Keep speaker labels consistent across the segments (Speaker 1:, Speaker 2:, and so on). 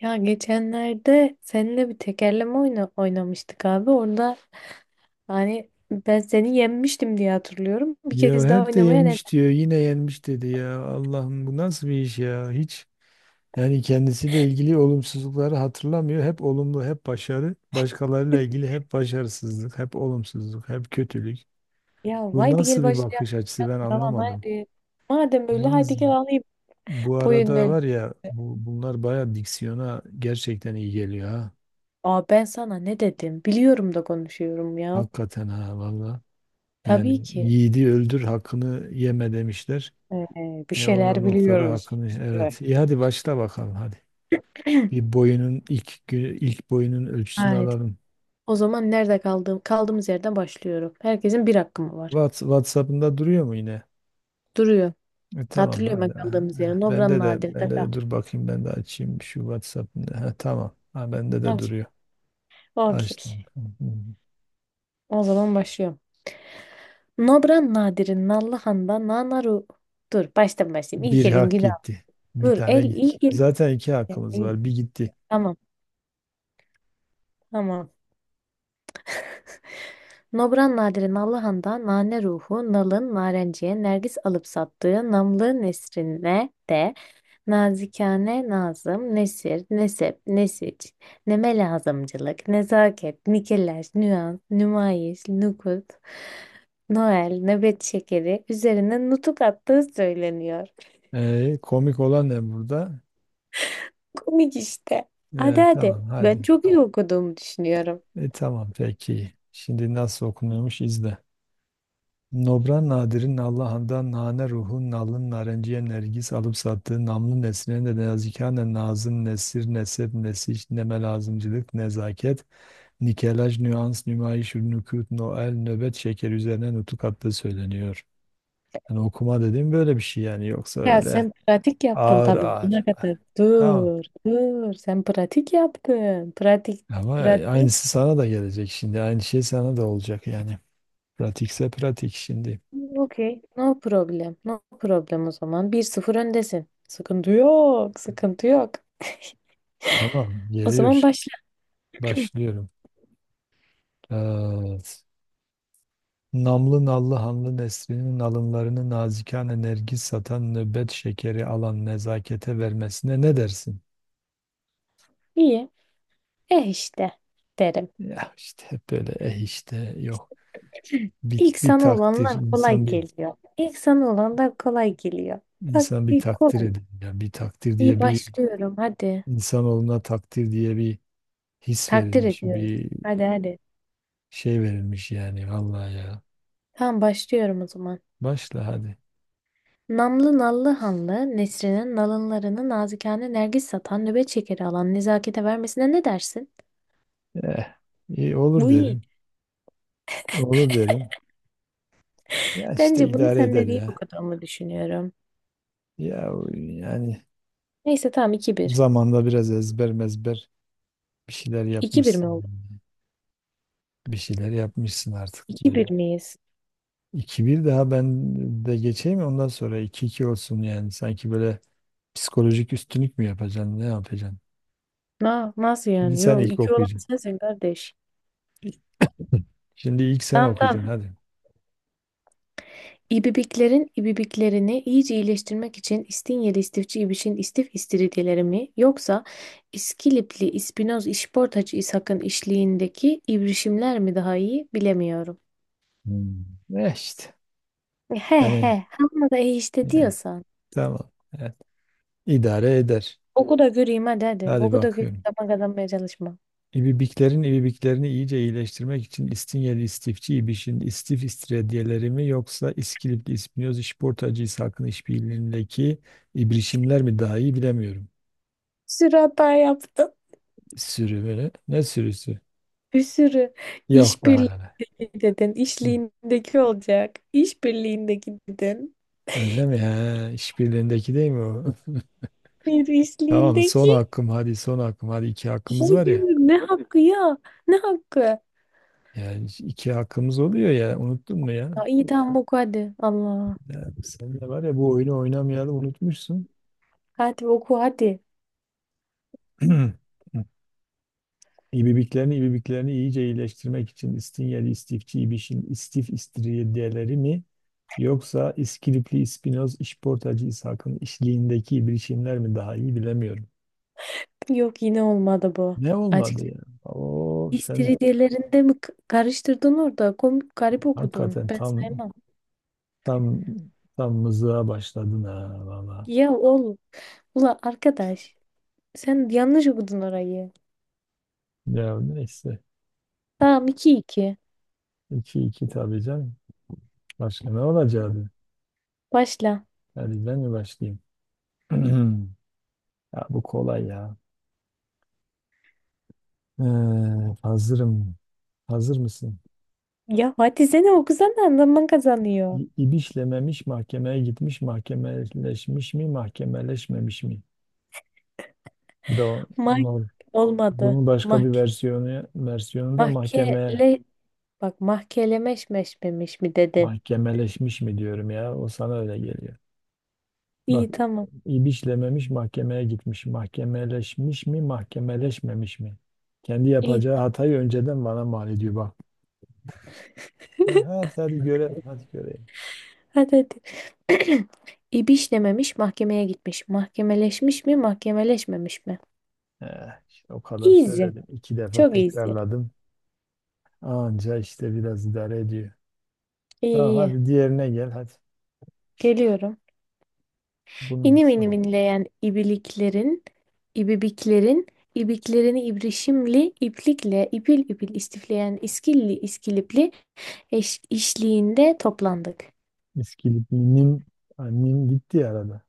Speaker 1: Ya geçenlerde seninle bir tekerleme oynamıştık abi. Orada hani ben seni yenmiştim diye hatırlıyorum. Bir
Speaker 2: Ya
Speaker 1: kez daha
Speaker 2: hep de
Speaker 1: oynamaya ne?
Speaker 2: yenmiş diyor, yine yenmiş dedi ya. Allah'ım bu nasıl bir iş ya? Hiç yani kendisiyle ilgili olumsuzlukları hatırlamıyor. Hep olumlu, hep başarı. Başkalarıyla ilgili hep başarısızlık, hep olumsuzluk, hep kötülük.
Speaker 1: Ya
Speaker 2: Bu
Speaker 1: haydi gel
Speaker 2: nasıl bir
Speaker 1: başlayalım.
Speaker 2: bakış açısı, ben
Speaker 1: Tamam
Speaker 2: anlamadım.
Speaker 1: haydi. Madem öyle haydi
Speaker 2: Yalnız
Speaker 1: gel alayım.
Speaker 2: bu
Speaker 1: Boyun
Speaker 2: arada
Speaker 1: öyle.
Speaker 2: var ya, bunlar bayağı diksiyona gerçekten iyi geliyor ha.
Speaker 1: Aa ben sana ne dedim? Biliyorum da konuşuyorum ya.
Speaker 2: Hakikaten ha, valla.
Speaker 1: Tabii
Speaker 2: Yani
Speaker 1: ki.
Speaker 2: yiğidi öldür hakkını yeme demişler.
Speaker 1: Bir
Speaker 2: E o
Speaker 1: şeyler
Speaker 2: noktada
Speaker 1: biliyoruz
Speaker 2: hakkını,
Speaker 1: biz de.
Speaker 2: evet. İyi, hadi başla bakalım hadi. Bir boyunun ilk boyunun ölçüsünü
Speaker 1: Haydi.
Speaker 2: alalım.
Speaker 1: O zaman nerede kaldığımız yerden başlıyorum. Herkesin bir hakkı mı var?
Speaker 2: WhatsApp'ında duruyor mu yine?
Speaker 1: Duruyor.
Speaker 2: E, tamam
Speaker 1: Hatırlıyorum
Speaker 2: hadi.
Speaker 1: ben kaldığımız
Speaker 2: Eh,
Speaker 1: yeri. Nobran
Speaker 2: Bende de
Speaker 1: Nadir'de.
Speaker 2: bende de dur bakayım, ben de açayım şu WhatsApp'ını. Ha, tamam. Ha, bende de
Speaker 1: Okey.
Speaker 2: duruyor.
Speaker 1: Okey.
Speaker 2: Açtım. Hı hı.
Speaker 1: O zaman başlıyorum. Nobran Nadir'in Nallıhan'da Nanaru. Dur baştan başlayayım. İlk
Speaker 2: Bir
Speaker 1: elin
Speaker 2: hak
Speaker 1: günah.
Speaker 2: gitti. Bir
Speaker 1: Dur
Speaker 2: tane
Speaker 1: el
Speaker 2: gitti.
Speaker 1: ilk elin.
Speaker 2: Zaten iki hakkımız var. Bir gitti.
Speaker 1: Tamam tamam. Nobran Nadir'in Nallıhan'da Nane Ruhu, Nal'ın Narenciye, Nergis alıp sattığı Namlı Nesrine de nazikane, nazım, nesir, nesep, nesiç, neme lazımcılık, nezaket, nikeleş, nüans, nümayiş, nukut, Noel, nöbet şekeri üzerine nutuk attığı söyleniyor.
Speaker 2: E, komik olan ne burada?
Speaker 1: Komik işte. Hadi
Speaker 2: E,
Speaker 1: hadi.
Speaker 2: tamam
Speaker 1: Ben
Speaker 2: hadi.
Speaker 1: çok iyi okuduğumu düşünüyorum.
Speaker 2: E, tamam peki. Şimdi nasıl okunuyormuş izle. Nobran Nadir'in Allahan'dan nane ruhun nalın narenciye nergis alıp sattığı namlı nesline de nazikane nazım nesir nesep nesiş neme lazımcılık nezaket nikelaj nüans nümayiş nükut noel nöbet şeker üzerine nutuk attığı söyleniyor. Yani okuma dediğim böyle bir şey yani, yoksa
Speaker 1: Ya
Speaker 2: öyle
Speaker 1: sen pratik yaptın
Speaker 2: ağır
Speaker 1: tabii buna
Speaker 2: ağır.
Speaker 1: kadar.
Speaker 2: Tamam.
Speaker 1: Dur. Sen pratik yaptın. Pratik,
Speaker 2: Ama
Speaker 1: pratik.
Speaker 2: aynısı sana da gelecek şimdi. Aynı şey sana da olacak yani. Pratikse pratik şimdi.
Speaker 1: Okey. No problem. No problem o zaman. Bir sıfır öndesin. Sıkıntı yok. Sıkıntı yok.
Speaker 2: Tamam.
Speaker 1: O zaman
Speaker 2: Geliyor.
Speaker 1: başla.
Speaker 2: Başlıyorum. Evet. Namlı nallı hanlı neslinin alınlarını nazikane nergis satan nöbet şekeri alan nezakete vermesine ne dersin?
Speaker 1: İyi. Eh işte derim.
Speaker 2: Ya işte hep böyle işte, yok bir,
Speaker 1: İlk
Speaker 2: bir
Speaker 1: sana
Speaker 2: takdir,
Speaker 1: olanlar kolay
Speaker 2: insan bir,
Speaker 1: geliyor. İlk sana olanlar kolay geliyor. Bak
Speaker 2: insan bir
Speaker 1: ilk
Speaker 2: takdir
Speaker 1: kolay.
Speaker 2: edin ya, bir takdir
Speaker 1: İyi
Speaker 2: diye bir
Speaker 1: başlıyorum hadi.
Speaker 2: insanoğluna takdir diye bir his
Speaker 1: Takdir
Speaker 2: verilmiş,
Speaker 1: ediyorum.
Speaker 2: bir
Speaker 1: Hadi hadi.
Speaker 2: şey verilmiş yani, vallahi ya,
Speaker 1: Tamam başlıyorum o zaman.
Speaker 2: başla hadi.
Speaker 1: Namlı nallı hanlı Nesrin'in nalınlarını nazikane nergis satan nöbet şekeri alan nezakete vermesine ne dersin?
Speaker 2: eh iyi olur
Speaker 1: Bu iyi.
Speaker 2: derim, olur derim, ya işte
Speaker 1: Bence bunu
Speaker 2: idare
Speaker 1: sen
Speaker 2: eder
Speaker 1: de değil
Speaker 2: ya.
Speaker 1: okuduğumu düşünüyorum.
Speaker 2: Ya yani
Speaker 1: Neyse tamam iki bir.
Speaker 2: zamanda biraz ezber mezber bir şeyler
Speaker 1: İki bir mi
Speaker 2: yapmışsın,
Speaker 1: oldu?
Speaker 2: yani. Bir şeyler yapmışsın artık.
Speaker 1: İki
Speaker 2: Bu
Speaker 1: bir miyiz?
Speaker 2: 2 bir, daha ben de geçeyim, ondan sonra iki iki olsun yani. Sanki böyle psikolojik üstünlük mü yapacaksın, ne yapacaksın?
Speaker 1: Na, nasıl
Speaker 2: Şimdi
Speaker 1: yani?
Speaker 2: sen
Speaker 1: Yok
Speaker 2: ilk
Speaker 1: 2 olan
Speaker 2: okuyacaksın.
Speaker 1: sensin kardeş.
Speaker 2: Şimdi ilk sen
Speaker 1: Tamam
Speaker 2: okuyacaksın
Speaker 1: tamam.
Speaker 2: hadi.
Speaker 1: İbibiklerin ibibiklerini iyice iyileştirmek için İstinyeli istifçi İbiş'in istif istiridyeleri mi yoksa İskilipli İspinoz İşportacı İshak'ın işliğindeki ibrişimler mi daha iyi bilemiyorum.
Speaker 2: Hmm. Ne işte.
Speaker 1: He
Speaker 2: Yani,
Speaker 1: he. Ama da iyi işte
Speaker 2: yani,
Speaker 1: diyorsan.
Speaker 2: tamam. Evet. İdare eder.
Speaker 1: Oku da göreyim hadi hadi.
Speaker 2: Hadi
Speaker 1: Oku da göreyim.
Speaker 2: bakıyorum.
Speaker 1: Tamam kazanmaya çalışma.
Speaker 2: İbibiklerin ibibiklerini iyice iyileştirmek için İstinyeli istifçi İbiş'in istif istiridyeleri mi, yoksa İskilipli İspinyoz İşportacı İshak'ın işbirliğindeki ibrişimler mi daha iyi bilemiyorum.
Speaker 1: Sürata yaptım.
Speaker 2: Sürü böyle. Ne sürüsü?
Speaker 1: Bir sürü
Speaker 2: Yok daha neler.
Speaker 1: işbirliğindeki dedin,
Speaker 2: Hı.
Speaker 1: işliğindeki olacak. İşbirliğindeki dedin.
Speaker 2: Öyle mi? He, işbirliğindeki değil mi o?
Speaker 1: Bir
Speaker 2: Tamam, son
Speaker 1: işliğindeki.
Speaker 2: hakkım hadi, son hakkım hadi, iki hakkımız var
Speaker 1: Hayır,
Speaker 2: ya.
Speaker 1: ne hakkı ya? Ne hakkı? Ya
Speaker 2: Yani iki hakkımız oluyor ya, unuttun mu ya?
Speaker 1: iyi tamam oku hadi. Allah.
Speaker 2: Ya sen de var ya, bu oyunu oynamayalım, unutmuşsun.
Speaker 1: Hadi oku hadi.
Speaker 2: İbibiklerini iyice iyileştirmek için İstinyeli, İstifçi, İbiş'in İstif İstiridyeleri mi? Yoksa İskilipli İspinoz, İşportacı İshak'ın işliğindeki bilişimler mi daha iyi bilemiyorum.
Speaker 1: Yok yine olmadı bu.
Speaker 2: Ne olmadı
Speaker 1: Açık.
Speaker 2: ya? Oo, sen
Speaker 1: İstiridyelerinde mi karıştırdın orada? Komik garip okudun.
Speaker 2: hakikaten
Speaker 1: Ben
Speaker 2: tam
Speaker 1: saymam.
Speaker 2: tam tam mızığa başladın ha, valla.
Speaker 1: Ya oğlum. Ula arkadaş. Sen yanlış okudun orayı.
Speaker 2: Ya neyse.
Speaker 1: Tamam iki iki.
Speaker 2: İki iki, tabii canım. Başka ne olacaktı?
Speaker 1: Başla.
Speaker 2: Hadi, ben mi başlayayım? Ya bu kolay ya. Ee, Hazırım. Hazır mısın?
Speaker 1: Ya hadi seni okusana zaman kazanıyor.
Speaker 2: İbişlememiş mahkemeye gitmiş, mahkemeleşmiş mi, mahkemeleşmemiş mi? Bu da
Speaker 1: Mak
Speaker 2: olur.
Speaker 1: olmadı.
Speaker 2: Bunun başka
Speaker 1: Mak
Speaker 2: bir versiyonu da mahkemeye,
Speaker 1: mahkele bak mahkelemeşmeşmemiş mi dedin?
Speaker 2: mahkemeleşmiş mi diyorum ya. O sana öyle geliyor. Bak,
Speaker 1: İyi tamam.
Speaker 2: ibişlememiş mahkemeye gitmiş, mahkemeleşmiş mi, mahkemeleşmemiş mi? Kendi
Speaker 1: İyi.
Speaker 2: yapacağı
Speaker 1: Tamam.
Speaker 2: hatayı önceden bana mal ediyor bak. E, hadi hadi görelim, hadi göreyim.
Speaker 1: Hadi hadi. İbişlememiş mahkemeye gitmiş. Mahkemeleşmiş mi mahkemeleşmemiş mi?
Speaker 2: İşte o kadar
Speaker 1: Easy.
Speaker 2: söyledim. İki defa
Speaker 1: Çok easy.
Speaker 2: tekrarladım. Anca işte biraz idare ediyor.
Speaker 1: İyi
Speaker 2: Tamam,
Speaker 1: iyi.
Speaker 2: hadi diğerine gel hadi.
Speaker 1: Geliyorum.
Speaker 2: Bunun
Speaker 1: İnim inim
Speaker 2: son.
Speaker 1: inleyen ibiliklerin, ibibiklerin, ibiklerini ibrişimli, iplikle, ipil ipil istifleyen iskilli, iskilipli eş, işliğinde toplandık.
Speaker 2: İskilip nim, ha, nim gitti ya arada.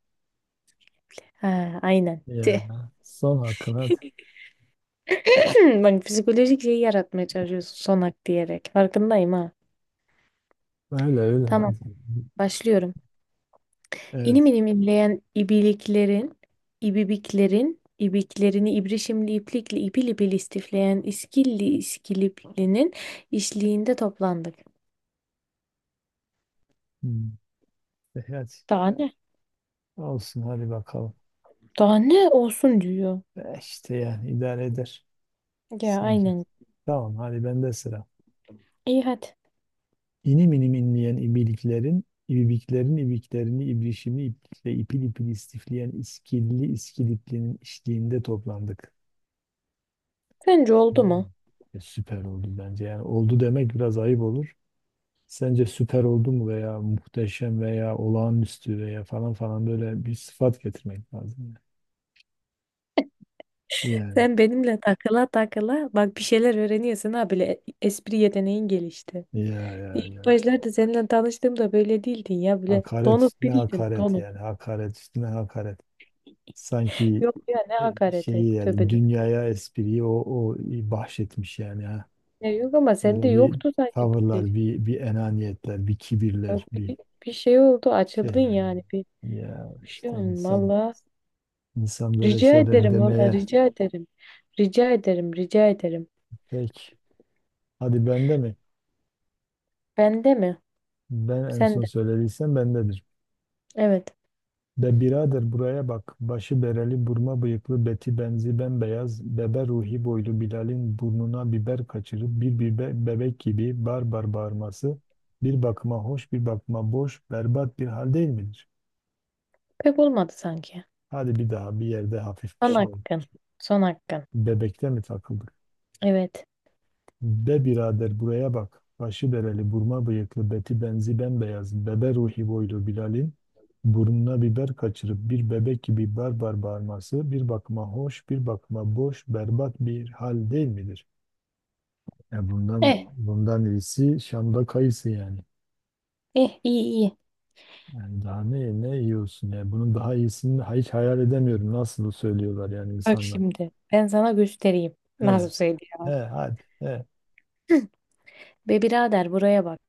Speaker 1: Ha, aynen.
Speaker 2: Ya, son hakkın hadi.
Speaker 1: Hmm, bak psikolojik şeyi yaratmaya çalışıyorsun sonak diyerek. Farkındayım ha.
Speaker 2: Öyle öyle
Speaker 1: Tamam
Speaker 2: hadi.
Speaker 1: başlıyorum. İnim
Speaker 2: Evet.
Speaker 1: inim inleyen ibiliklerin, ibibiklerin, ibiklerini ibrişimli iplikle ipil ipil istifleyen iskilli iskiliplinin işliğinde toplandık.
Speaker 2: Hmm. E, hadi.
Speaker 1: Daha ne?
Speaker 2: Olsun, hadi bakalım.
Speaker 1: Daha ne olsun diyor.
Speaker 2: E, işte yani idare eder
Speaker 1: Ya
Speaker 2: sanki.
Speaker 1: aynen.
Speaker 2: Tamam, hadi bende sıra.
Speaker 1: İyi hadi.
Speaker 2: İnim inim inleyen ibiliklerin, ibibiklerin ibiklerini ibrişimli iplikle ipil ipil istifleyen iskilli iskiliplinin işliğinde toplandık.
Speaker 1: Sence oldu
Speaker 2: Güzel.
Speaker 1: mu?
Speaker 2: E, süper oldu bence. Yani oldu demek biraz ayıp olur. Sence süper oldu mu, veya muhteşem veya olağanüstü veya falan falan, böyle bir sıfat getirmek lazım. Yani
Speaker 1: Sen benimle takıla takıla bak bir şeyler öğreniyorsun ha bile espri yeteneğin gelişti.
Speaker 2: ya, ya
Speaker 1: İlk
Speaker 2: ya işte.
Speaker 1: başlarda seninle tanıştığımda böyle değildin ya böyle
Speaker 2: Hakaret
Speaker 1: donuk
Speaker 2: üstüne
Speaker 1: biriydin
Speaker 2: hakaret
Speaker 1: donuk.
Speaker 2: yani. Hakaret üstüne hakaret. Sanki
Speaker 1: Yok ya ne hakareti
Speaker 2: şeyi yani,
Speaker 1: tövbe de.
Speaker 2: dünyaya espriyi o bahşetmiş yani ha.
Speaker 1: Ya yok ama sende
Speaker 2: Böyle bir
Speaker 1: yoktu sanki böyle.
Speaker 2: tavırlar, bir enaniyetler, bir
Speaker 1: Bak
Speaker 2: kibirler, bir
Speaker 1: Bir, bir şey oldu açıldın
Speaker 2: şeyler.
Speaker 1: yani bir,
Speaker 2: Ya
Speaker 1: bir şey
Speaker 2: işte
Speaker 1: oldu
Speaker 2: insan
Speaker 1: valla.
Speaker 2: insan böyle
Speaker 1: Rica
Speaker 2: şeyler
Speaker 1: ederim valla
Speaker 2: demeye
Speaker 1: rica ederim. Rica ederim rica ederim.
Speaker 2: pek. Hadi, bende mi?
Speaker 1: Bende mi?
Speaker 2: Ben en son
Speaker 1: Sende.
Speaker 2: söylediysem bendedir.
Speaker 1: Evet.
Speaker 2: Be birader buraya bak. Başı bereli, burma bıyıklı, beti benzi bembeyaz, bebe ruhi boylu Bilal'in burnuna biber kaçırıp bir bebek gibi bar bar bağırması bir bakıma hoş, bir bakıma boş, berbat bir hal değil midir?
Speaker 1: Pek olmadı sanki.
Speaker 2: Hadi bir daha, bir yerde hafif bir
Speaker 1: Son
Speaker 2: şey ol.
Speaker 1: hakkın. Son hakkın.
Speaker 2: Bebekte mi takıldık?
Speaker 1: Evet.
Speaker 2: Be birader buraya bak. Başı bereli, burma bıyıklı, beti benzi bembeyaz, bebe ruhi boylu Bilal'in burnuna biber kaçırıp bir bebek gibi barbar bağırması bir bakıma hoş, bir bakıma boş, berbat bir hal değil midir? Ya bundan
Speaker 1: Eh.
Speaker 2: bundan iyisi Şam'da kayısı yani.
Speaker 1: Eh iyi iyi.
Speaker 2: Yani daha ne yiyorsun ya? Bunun daha iyisini hiç hayal edemiyorum. Nasıl söylüyorlar yani
Speaker 1: Bak
Speaker 2: insanlar.
Speaker 1: şimdi ben sana göstereyim.
Speaker 2: He,
Speaker 1: Nasıl
Speaker 2: he,
Speaker 1: söyleyeyim?
Speaker 2: hadi, he.
Speaker 1: Be birader buraya bak.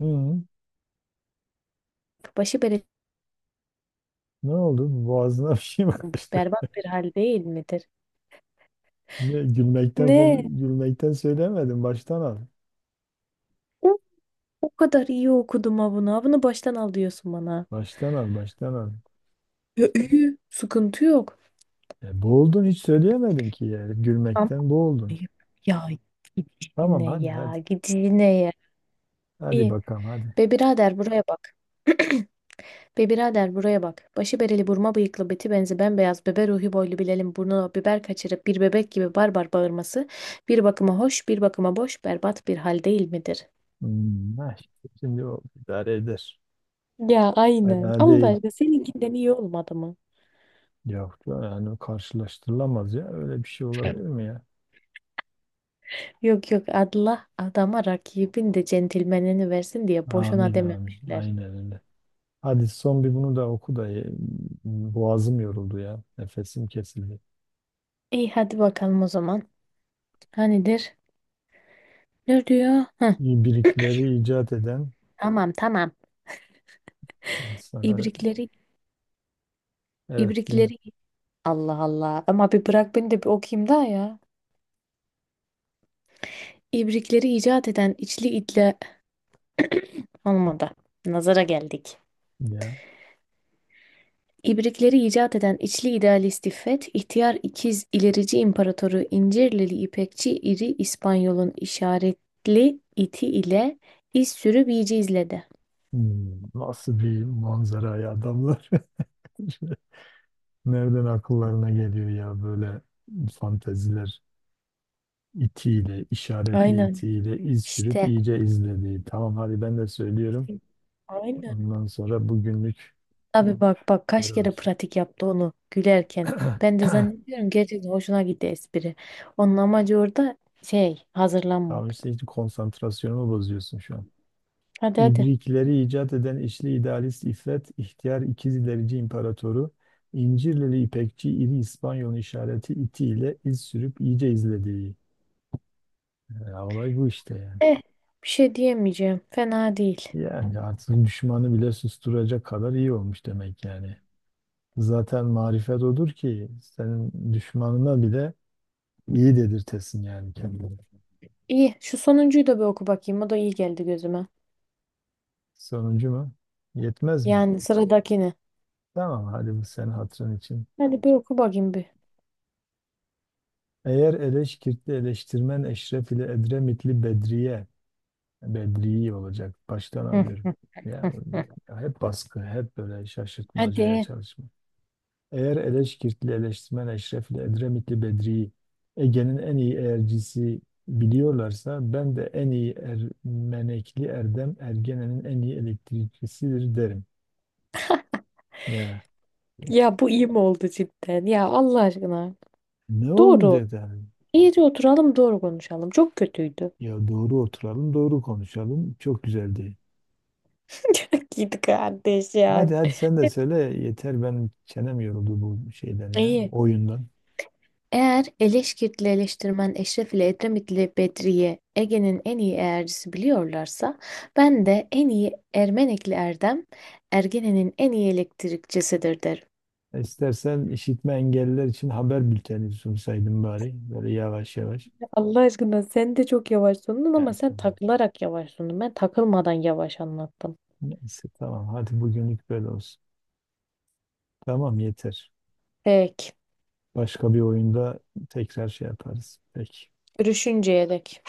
Speaker 2: Hı,
Speaker 1: Başı bere
Speaker 2: ne oldu? Boğazına bir şey mi kaçtı?
Speaker 1: berbat bir hal değil midir?
Speaker 2: Ne,
Speaker 1: Ne?
Speaker 2: gülmekten söylemedim. Baştan al.
Speaker 1: O, o kadar iyi okudum ha bunu. Ha bunu baştan al diyorsun bana.
Speaker 2: Baştan al, baştan al.
Speaker 1: Ya iyi. Sıkıntı yok.
Speaker 2: E, boğuldun, hiç söyleyemedin ki yani.
Speaker 1: Ama
Speaker 2: Gülmekten boğuldun.
Speaker 1: ayıp. Ya git
Speaker 2: Tamam,
Speaker 1: işine
Speaker 2: hadi hadi.
Speaker 1: ya. Git işine ya.
Speaker 2: Hadi
Speaker 1: İyi.
Speaker 2: bakalım hadi.
Speaker 1: Be birader buraya bak. Be birader buraya bak. Başı bereli burma bıyıklı beti benzi bembeyaz bebe ruhi boylu Bilal'in burnuna biber kaçırıp bir bebek gibi barbar bağırması bir bakıma hoş bir bakıma boş berbat bir hal değil midir?
Speaker 2: Hmm, ha, işte şimdi o idare eder.
Speaker 1: Ya aynen.
Speaker 2: Fena
Speaker 1: Allah
Speaker 2: değil.
Speaker 1: aşkına seninkinden iyi olmadı mı?
Speaker 2: Yok yani, karşılaştırılamaz ya. Öyle bir şey olabilir mi ya?
Speaker 1: Yok yok Allah adama rakibin de centilmenini versin diye boşuna
Speaker 2: Amin amin.
Speaker 1: dememişler.
Speaker 2: Aynen öyle. Hadi, son bir bunu da oku da boğazım yoruldu ya. Nefesim kesildi.
Speaker 1: İyi hadi bakalım o zaman. Ha nedir? Ne diyor? Hı,
Speaker 2: İbrikleri icat eden
Speaker 1: tamam tamam.
Speaker 2: sana,
Speaker 1: İbrikleri
Speaker 2: evet din
Speaker 1: ibrikleri Allah Allah. Ama bir bırak beni de bir okuyayım daha ya. İbrikleri icat eden içli itle olmadı. Nazara geldik.
Speaker 2: ya.
Speaker 1: İbrikleri icat eden içli idealist İffet, ihtiyar ikiz ilerici imparatoru İncirlili İpekçi İri İspanyol'un işaretli iti ile iz sürü bici izledi.
Speaker 2: Hmm, nasıl bir manzara ya adamlar. Nereden akıllarına geliyor ya böyle fanteziler, itiyle, işaretli
Speaker 1: Aynen.
Speaker 2: itiyle iz sürüp
Speaker 1: İşte
Speaker 2: iyice izlediği. Tamam hadi, ben de söylüyorum.
Speaker 1: aynen.
Speaker 2: Ondan sonra bugünlük
Speaker 1: Abi bak bak kaç kere
Speaker 2: terörsün.
Speaker 1: pratik yaptı onu gülerken. Ben de zannediyorum gerçekten hoşuna gitti espri. Onun amacı orada şey
Speaker 2: Tamam
Speaker 1: hazırlanmak.
Speaker 2: işte, hiç konsantrasyonumu bozuyorsun şu an.
Speaker 1: Hadi hadi.
Speaker 2: İbrikleri icat eden işli idealist İffet, ihtiyar ikiz ilerici imparatoru, İncirlili İpekçi iri İspanyol işareti itiyle iz sürüp iyice izlediği. Ya olay bu işte yani.
Speaker 1: Eh bir şey diyemeyeceğim. Fena değil.
Speaker 2: Yani artık düşmanı bile susturacak kadar iyi olmuş demek yani. Zaten marifet odur ki, senin düşmanına bile iyi dedirtesin yani kendini.
Speaker 1: İyi şu sonuncuyu da bir oku bakayım. O da iyi geldi gözüme.
Speaker 2: Sonuncu mu? Yetmez mi?
Speaker 1: Yani sıradakini.
Speaker 2: Tamam hadi, bu senin hatırın için.
Speaker 1: Hadi bir oku bakayım bir.
Speaker 2: Eğer Eleşkirtli eleştirmen Eşref ile Edremitli Bedriye, Bedriyi olacak. Baştan
Speaker 1: Hı,
Speaker 2: alıyorum. Ya,
Speaker 1: hı, hı.
Speaker 2: ya, hep baskı, hep böyle şaşırtmacaya
Speaker 1: Hadi.
Speaker 2: çalışma. Eğer Eleşkirtli, eleştirmen Eşrefli, Edremitli Bedri'yi Ege'nin en iyi eğercisi biliyorlarsa, ben de en iyi Ermenekli Erdem Ergenen'in en iyi elektrikçisidir derim. Ya
Speaker 1: Ya bu iyi mi oldu cidden? Ya Allah aşkına.
Speaker 2: ne
Speaker 1: Doğru.
Speaker 2: olmayacak yani?
Speaker 1: İyice oturalım doğru konuşalım. Çok kötüydü.
Speaker 2: Ya doğru oturalım, doğru konuşalım. Çok güzeldi.
Speaker 1: Çok iyiydi kardeş ya.
Speaker 2: Hadi hadi, sen de söyle yeter, benim çenem yoruldu bu şeyden ya,
Speaker 1: İyi.
Speaker 2: oyundan.
Speaker 1: Eğer Eleşkirtli eleştirmen Eşref ile Edremitli Bedriye Ege'nin en iyi eğercisi biliyorlarsa ben de en iyi Ermenekli Erdem Ergene'nin en iyi elektrikçisidir derim.
Speaker 2: İstersen işitme engelliler için haber bülteni sunsaydım bari, böyle yavaş yavaş.
Speaker 1: Allah aşkına sen de çok yavaş sundun ama
Speaker 2: Yani
Speaker 1: sen takılarak yavaş sundun. Ben takılmadan yavaş anlattım.
Speaker 2: neyse, tamam hadi bugünlük böyle olsun. Tamam yeter.
Speaker 1: Peki.
Speaker 2: Başka bir oyunda tekrar şey yaparız. Peki.
Speaker 1: Görüşünceye dek.